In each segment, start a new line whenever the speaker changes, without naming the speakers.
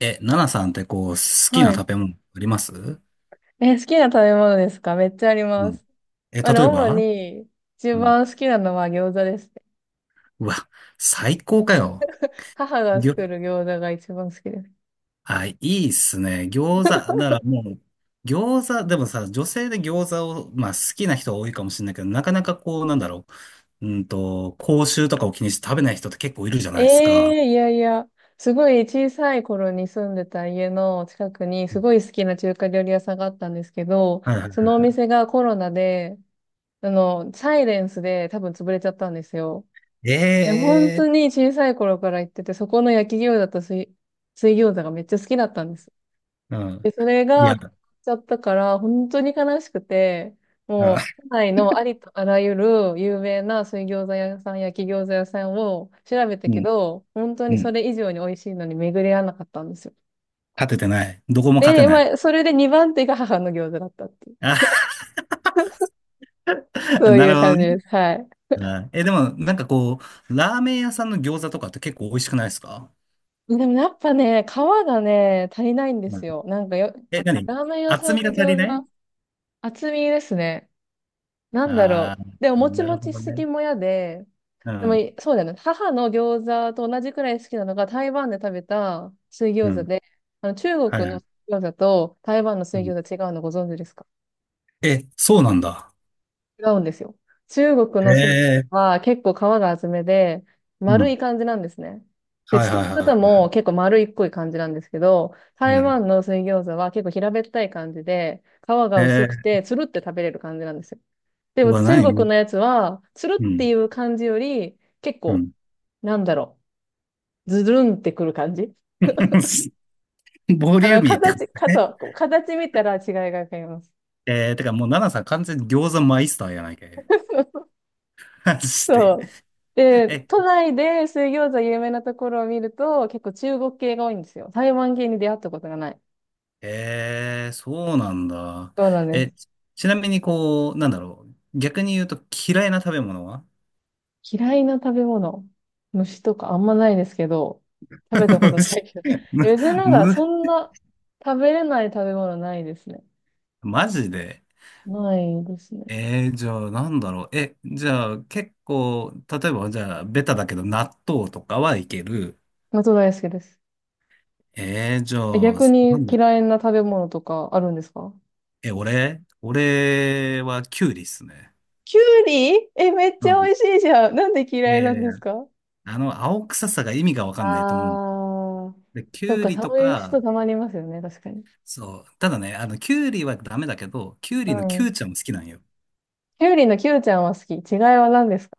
え、ナナさんってこう、好き
は
な
い。
食べ物ありますう？
好きな食べ物ですか？めっちゃありま
ん。
す。
え、例え
主
ば？
に一
うん。
番好きなのは餃子ですね。
うわ、最高かよ。
母が
ぎょ、
作る餃子が一番好きです。
あ、いいっすね。餃子、ならもう、餃子、でもさ、女性で餃子を、まあ好きな人多いかもしれないけど、なかなかこう、なんだろう。口臭とかを気にして食べない人って結構いるじゃな
え
いですか。
え、いやいや、すごい小さい頃に住んでた家の近くにすごい好きな中華料理屋さんがあったんですけど、
はいは
そのお店がコロナで、サイレンスで多分潰れちゃったんですよ。
い。
でも本当
ええ
に小さい頃から行ってて、そこの焼き餃子と水、水餃子がめっちゃ好きだったんです。
ー、う
で、それ
ん。い
が、な
や、
くなっちゃったから、本当に悲しくて、
うん、
もう、都内のありとあらゆる有名な水餃子屋さん、焼き餃子屋さんを調べた
う
け
ん。
ど、本当
う
にそ
ん、
れ以上に美味しいのに巡り合わなかったんですよ。
勝ててない。どこも勝て
で、
ない。
まあ、それで2番手が母の餃子だったっていう、
あ、
そう
な
い
るほ
う
ど
感じで
ね。
す。はい。
はい。え、でも、なんかこう、ラーメン屋さんの餃子とかって結構美味しくないですか？
でもやっぱね、皮がね、足りないんで
う
す
ん。
よ。なんかよ、
え、何？
ラーメン屋
厚
さん
み
の
が足り
餃
ない。
子、厚みですね。なんだ
あ
ろ
あ
う。でも、も
ー、
ち
なる
も
ほ
ちし
ど
すぎ
ね。
も嫌で、
う
でも、
ん、
いそうだよね。母の餃子と同じくらい好きなのが、台湾で食べた水
う
餃子
ん、
で、中
は
国の
い。
水餃子と台湾の
う
水
ん。
餃子違うのご存知ですか？
え、そうなんだ。
違うんですよ。中国
へ
の水餃子
え、
は結構皮が厚めで、
う
丸
ん。
い感じなんですね。で、
はい
包
はい
み
は
方
いはい
も
は
結構丸いっこい感じなんですけど、
い。う
台
ん。
湾の水餃子は結構平べったい感じで、皮が薄く
え
て、つるって食べれる感じなんですよ。で
う
も
わ、
中国
何？
のやつは、つる
う
っ
ん、
ていう感じより、結
う
構、
ん。
なんだろう、ズルンってくる感じ。
ボリューミーってこと
形、か、
ね。
そう、形見たら違いがわかります。
てかもう、ナナさん完全に餃子マイスターやないかい。マジ
そ
で。
う。で、
え、
都内で水餃子有名なところを見ると、結構中国系が多いんですよ。台湾系に出会ったことがない。
ええ、そうなんだ。
そうなんで
え、
す。
ちなみにこう、なんだろう。逆に言うと嫌いな食べ物は？
嫌いな食べ物、虫とかあんまないですけど、食べたこ とない
虫、
けど。え、
む、
別になんか、そ
む、
んな食べれない食べ物ないですね。
マジで。
ないですね。
じゃあなんだろう。え、じゃあ結構、例えばじゃあベタだけど納豆とかはいける。
納豆大好きです。
じゃ
え、
あ、
逆
な
に
んだ、
嫌いな食べ物とかあるんですか？
え、俺はキュウリっすね。
きゅうり、え、めっち
う
ゃ美
ん。
味しいじゃん。なんで
え
嫌いなんです
ー、
か？
あの、青臭さが意味がわかんないと思う。
あー、
で、キ
そっ
ュウ
か、
リと
そういう
か、
人たまにいますよね、確かに。
そう。ただね、あの、キュウリはダメだけど、キュウ
う
リのキ
ん。
ュウちゃんも好きなんよ。
キュウリのキュウちゃんは好き。違いは何ですか？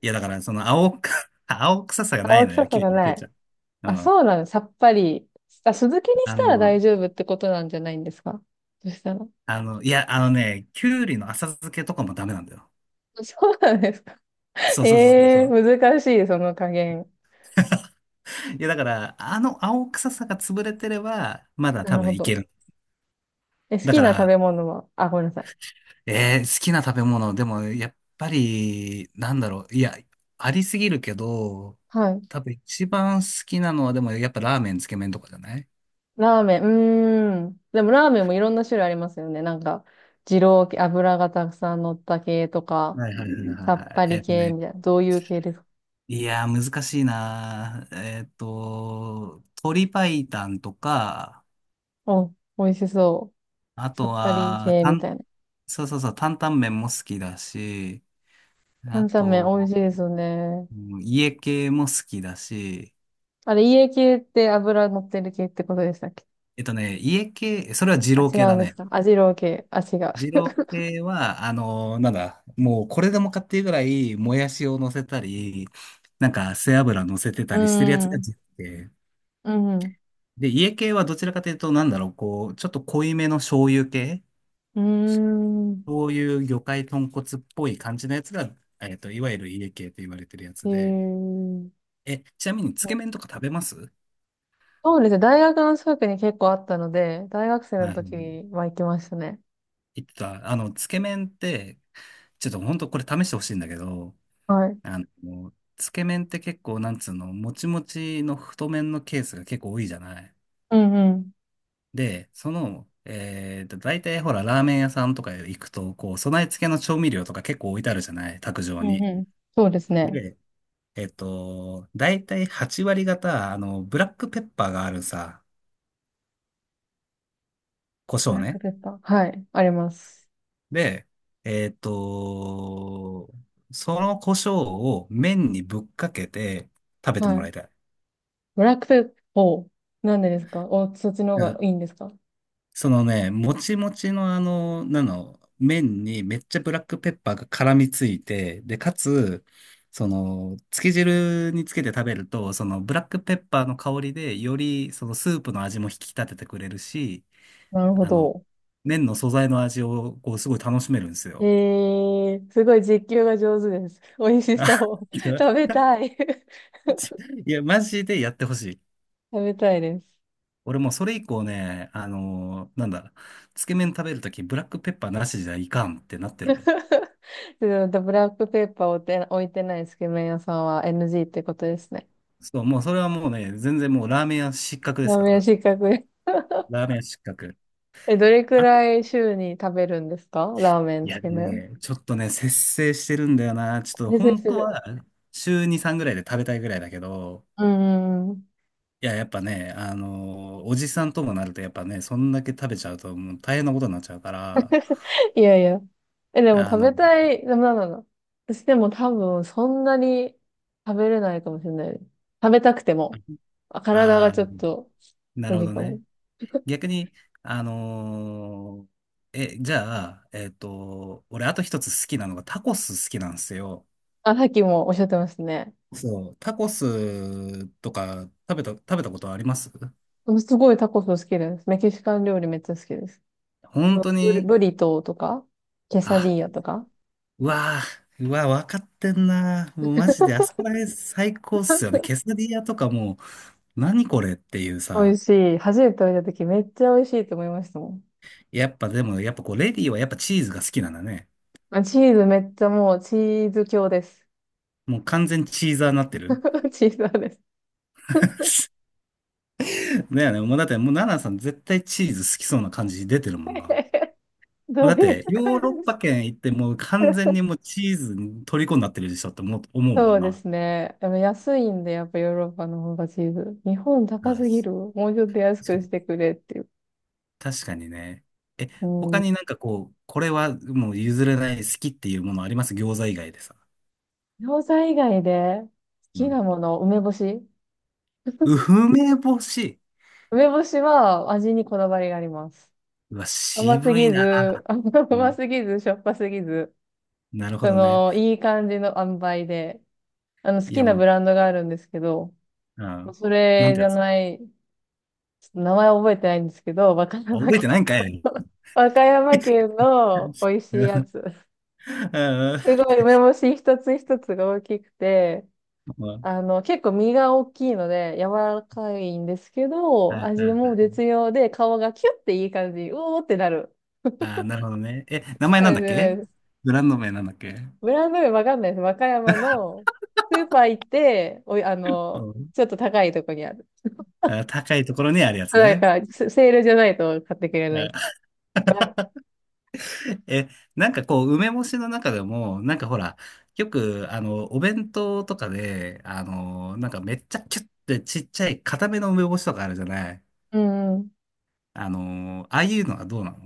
いや、だから、その、青く、青臭さがな
青
いの
臭
よ、
さ
キュウ
が
リのキ
な
ュウち
い。
ゃん。
あ、
うん。
そうなの、さっぱり。あ、酢漬けにし
あ
たら
の、
大丈夫ってことなんじゃないんですか？そしたら。
いや、あのね、キュウリの浅漬けとかもダメなんだよ。
そうなんですか？
そうそうそうそう
え
そ
え
う。
ー、難しい、その加減。
いや、だから、あの青臭さが潰れてれば、まだ
な
多
るほ
分い
ど。
ける。
え、好
だ
き
か
な食
ら、
べ物は、あ、ごめんなさい。
好きな食べ物、でも、やっぱり、なんだろう。いや、ありすぎるけど、
はい。
多分一番好きなのは、でも、やっぱラーメン、つけ麺とかじゃない？
ラーメン、うーん。でもラーメンもいろんな種類ありますよね。なんか、二郎系、油がたくさん乗った系とか、
はいはいはいはい
さっ
はい。
ぱ り系みたいな。どういう系ですか？
いやー難しいなー。鶏白湯とか、
うん、美味しそう。
あ
さ
と
っぱり
は、
系みたいな。
そうそうそう、担々麺も好きだし、
担
あ
々麺美味し
と、
いですよね。
うん、家系も好きだし、
あれ、家系って油乗ってる系ってことでしたっけ？
家系、それは二
あ、
郎
違
系
う
だ
んです
ね。
か？あ、二郎系。あ、違う。
二郎 系は、あのーなんだ、もうこれでもかっていうぐらい、もやしを乗せたり、なんか背脂乗せてた
うー
りしてるやつが
ん。
二郎系。
うん。
で、家系はどちらかというと、なんだろう、こう、ちょっと濃いめの醤油系、
うーん。
そういう魚介豚骨っぽい感じのやつが、いわゆる家系と言われてるや
へ
つで、
ー、
え、ちなみに、つけ麺とか食べます？
そうですね。大学の近くに結構あったので、大学生
は
の時
い、
は行きましたね。
言ってた、あの、つけ麺って、ちょっと本当これ試してほしいんだけど、
はい。
あの、つけ麺って結構、なんつうの、もちもちの太麺のケースが結構多いじゃない。
うんうん。
で、その、大体ほら、ラーメン屋さんとか行くと、こう、備え付けの調味料とか結構置いてあるじゃない、卓
う
上
ん
に。
うん。そうですね。
で、だいたい8割方、あの、ブラックペッパーがあるさ、胡
ブ
椒
ラック
ね。
ペッパー。はい。あります。
で、えっと、その胡椒を麺にぶっかけて食べても
はい。
らいたい。
ブラックペッパー。なんでですか？お、そっちの方
う
が
ん、
いいんですか？
そのね、もちもちのあの、なの、麺にめっちゃブラックペッパーが絡みついて、で、かつ、その、つけ汁につけて食べると、そのブラックペッパーの香りで、よりそのスープの味も引き立ててくれるし、
なるほ
あの、
ど。
麺の素材の味を、こう、すごい楽しめるんです
え
よ。
すごい実況が上手です。美味 し
あ、
そう。
い や、
食べたい。
いやマジでやってほしい。
食べたいです。
俺もうそれ以降ね、あのーなんだ、つけ麺食べるとき、ブラックペッパーなしじゃいかんってなってるもん。
でもブラックペッパーを置いて、置いてないつけ麺屋さんは NG ってことですね。
そう、もうそれはもうね、全然もうラーメン屋失格で
ラ
す
ー
か
メン
ら。
失格です。
ラーメン屋失格。
え、どれく
あと、
らい週に食べるんですか？ラーメン、
い
つ
やで
け
も
麺。
ね、ちょっとね、節制してるんだよな。ちょっ と
先生
本
す
当
る。
は週2、3ぐらいで食べたいぐらいだけど、
うんうんうん。
いや、やっぱね、あの、おじさんともなると、やっぱね、そんだけ食べちゃうと、もう大変なことになっちゃうから、
いやいや。え、でも
あ
食
の、
べたい、でもなんだろうな。私でも多分そんなに食べれないかもしれないです。食べたくても。あ、体が
ああ、
ちょっと
な
無
るほ
理
ど
かも。
ね。逆に、あのーえ、じゃあ、俺、あと一つ好きなのが、タコス好きなんですよ。
あ、さっきもおっしゃってましたね。
そう、タコスとか食べたことあります？
うん、すごいタコス好きです。メキシカン料理めっちゃ好きです。う
本
ん、
当に、
ブリトーとか、ケサデ
あ、
ィーヤとか。
うわうわー、わかってんな。もうマジで、あそこら辺最高っすよね。ケサディアとかもう、何これっていう
美味
さ。
しい。初めて食べた時めっちゃ美味しいと思いましたもん。
やっぱでも、やっぱこう、レディーはやっぱチーズが好きなんだね。
あ、チーズめっちゃもうチーズ強です。
もう完全チーザーになってる。
チーズ派です。
だよね。もうだって、もうナナさん絶対チーズ好きそうな感じ出てるもんな。もう
ど
だっ
ういう
て、ヨーロッ
感じ？
パ圏行ってもう完全に もうチーズに虜になってるでしょって思うも
そ
ん
うで
な。
すね。でも安いんで、やっぱヨーロッパの方がチーズ。日本高
あ、
すぎる。もうちょっと安
確か
く
に。
してくれっていう。
確かにね。え、
う
他
ん。
になんかこう、これはもう譲れない好きっていうものあります？餃子以外でさ。
餃子以外で好
う
き
ん。
なもの、梅干し。
うふ、めぼし。
梅干しは味にこだわりがあります。
うわ、
甘す
渋い
ぎ
な。
ず、
う
甘
ん。
すぎず、しょっぱすぎず、
なるほ
そ
どね。
の、いい感じの塩梅で、好
い
き
や
な
もう、
ブランドがあるんですけど、
うん。
そ
なん
れ
て
じ
や
ゃ
つ？
ない、ちょっと名前覚えてないんですけど、和歌
あ、
山
覚えてないん
県。
かい。
和歌山県 の美味
う
しい
んう
や
ん
つ。
う
す
ん、
ごい梅干し一つ一つが大きくて、
うん、
結構身が大きいので柔らかいんですけど、味も
あ
絶妙で顔がキュッていい感じ、うおーってなる
あ、なるほどね。え、名前なん
感
だ
じ
っけ？
です。
ブランド名なんだっけ？
ブランド名わかんないです。和歌山のスーパー行って、おい、
うん。
ちょっと高いとこにある。
あ、高いところにあるやつ
だ
ね。
から、セセールじゃないと買ってくれな
あ、
い。
え、なんかこう、梅干しの中でも、なんかほら、よく、あの、お弁当とかで、あの、なんかめっちゃキュッてちっちゃい固めの梅干しとかあるじゃない。
うん。
あの、ああいうのはどうなの？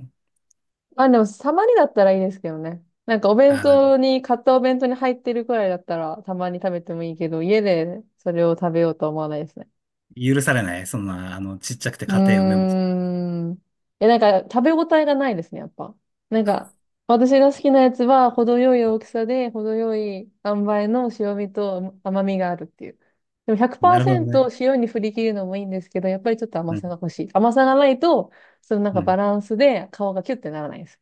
まあ、でも、たまにだったらいいですけどね。なんか、お弁
あ、
当に、買ったお弁当に入ってるくらいだったら、たまに食べてもいいけど、家でそれを食べようとは思わないですね。
許されない。そんな、あの、ちっちゃくて
う
硬い梅干し。
ーん。え、なんか、食べ応えがないですね、やっぱ。なんか、私が好きなやつは、程よい大きさで、程よい塩梅の塩味と甘みがあるっていう。でも
なるほどね。
100%塩に振り切るのもいいんですけど、やっぱりちょっと甘
う
さが
ん、
欲しい。甘さがないと、そのなん
う
かバ
ん、
ランスで顔がキュッてならないです。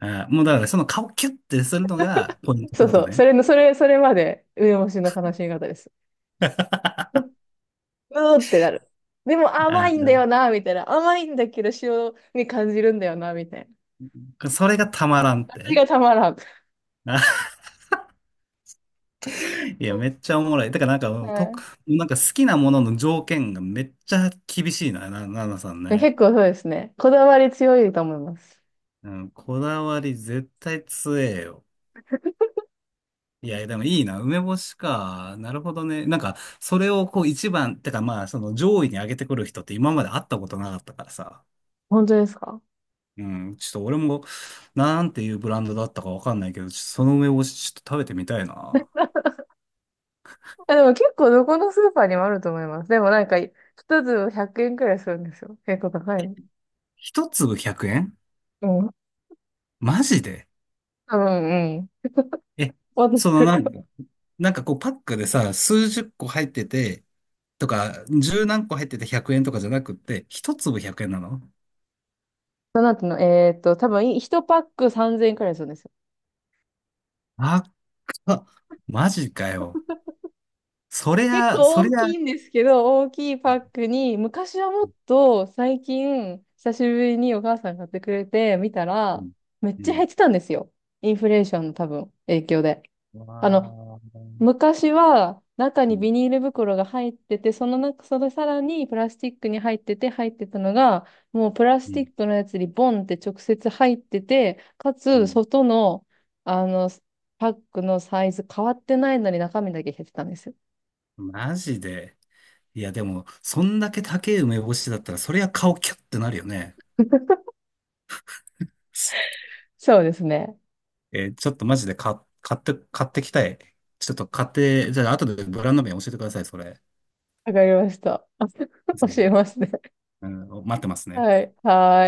あー、もうだからその顔キュッてするのがポイントっ
そ
て
う
こと
そう。
ね。
それの、それ、それまで梅干しの楽しみ方です。ううーってなる。でも
あ
甘いんだ
ー、
よな、みたいな。甘いんだけど塩に感じるんだよな、みたいな。
それがたまらんっ
それ
て。
がたまらん。
あ、いや、めっちゃおもろい。だからなんか、
はい、
なんか好きなものの条件がめっちゃ厳しいな、な、ななさんね。
結構そうですね。こだわり強いと思います。
うん、こだわり絶対強えよ。いや、でもいいな。梅干しか。なるほどね。なんか、それをこう一番、てかまあ、その上位に上げてくる人って今まで会ったことなかったからさ。
本当ですか？
うん、ちょっと俺も、なんていうブランドだったかわかんないけど、ちょっとその梅干しちょっと食べてみたいな。
あ、でも結構どこのスーパーにもあると思います。でもなんか、一粒100円くえんくらいするんですよ。結構高いの。
一粒100円？
うん。
マジで？
多分、うん。
え、
私
その
と
な
か。
んか、なんかこうパックでさ、数十個入ってて、とか、十何個入ってて100円とかじゃなくって、一粒100円なの？
その後の、多分、1パック3000円くらいするんですよ。
あっか、マジかよ。そり
結
ゃ、
構
そ
大
りゃ、
きいんですけど、大きいパックに、昔はもっと最近、久しぶりにお母さん買ってくれて見た
う
ら、
ん、
めっ
う
ちゃ減
ん。
ってたんですよ。インフレーションの多分影響で。
わ
あの、
ー、
昔は中
う
に
ん、
ビニール袋が入ってて、その中、それさらにプラスチックに入ってたのが、もうプラ
う
スチ
ん、
ックのやつにボンって直接入ってて、か
う
つ
ん、
外の、あの、パックのサイズ変わってないのに中身だけ減ってたんですよ。
マジで。いや、でも、そんだけ高い梅干しだったら、そりゃ顔キュッてなるよね。
そうですね。
ちょっとマジで買ってきたい。ちょっと買って、じゃあ後でブランド名教えてください、それ。
わかりました。
ぜ
教
ひ。
えますね。
うん、待ってますね。
はい。はーい。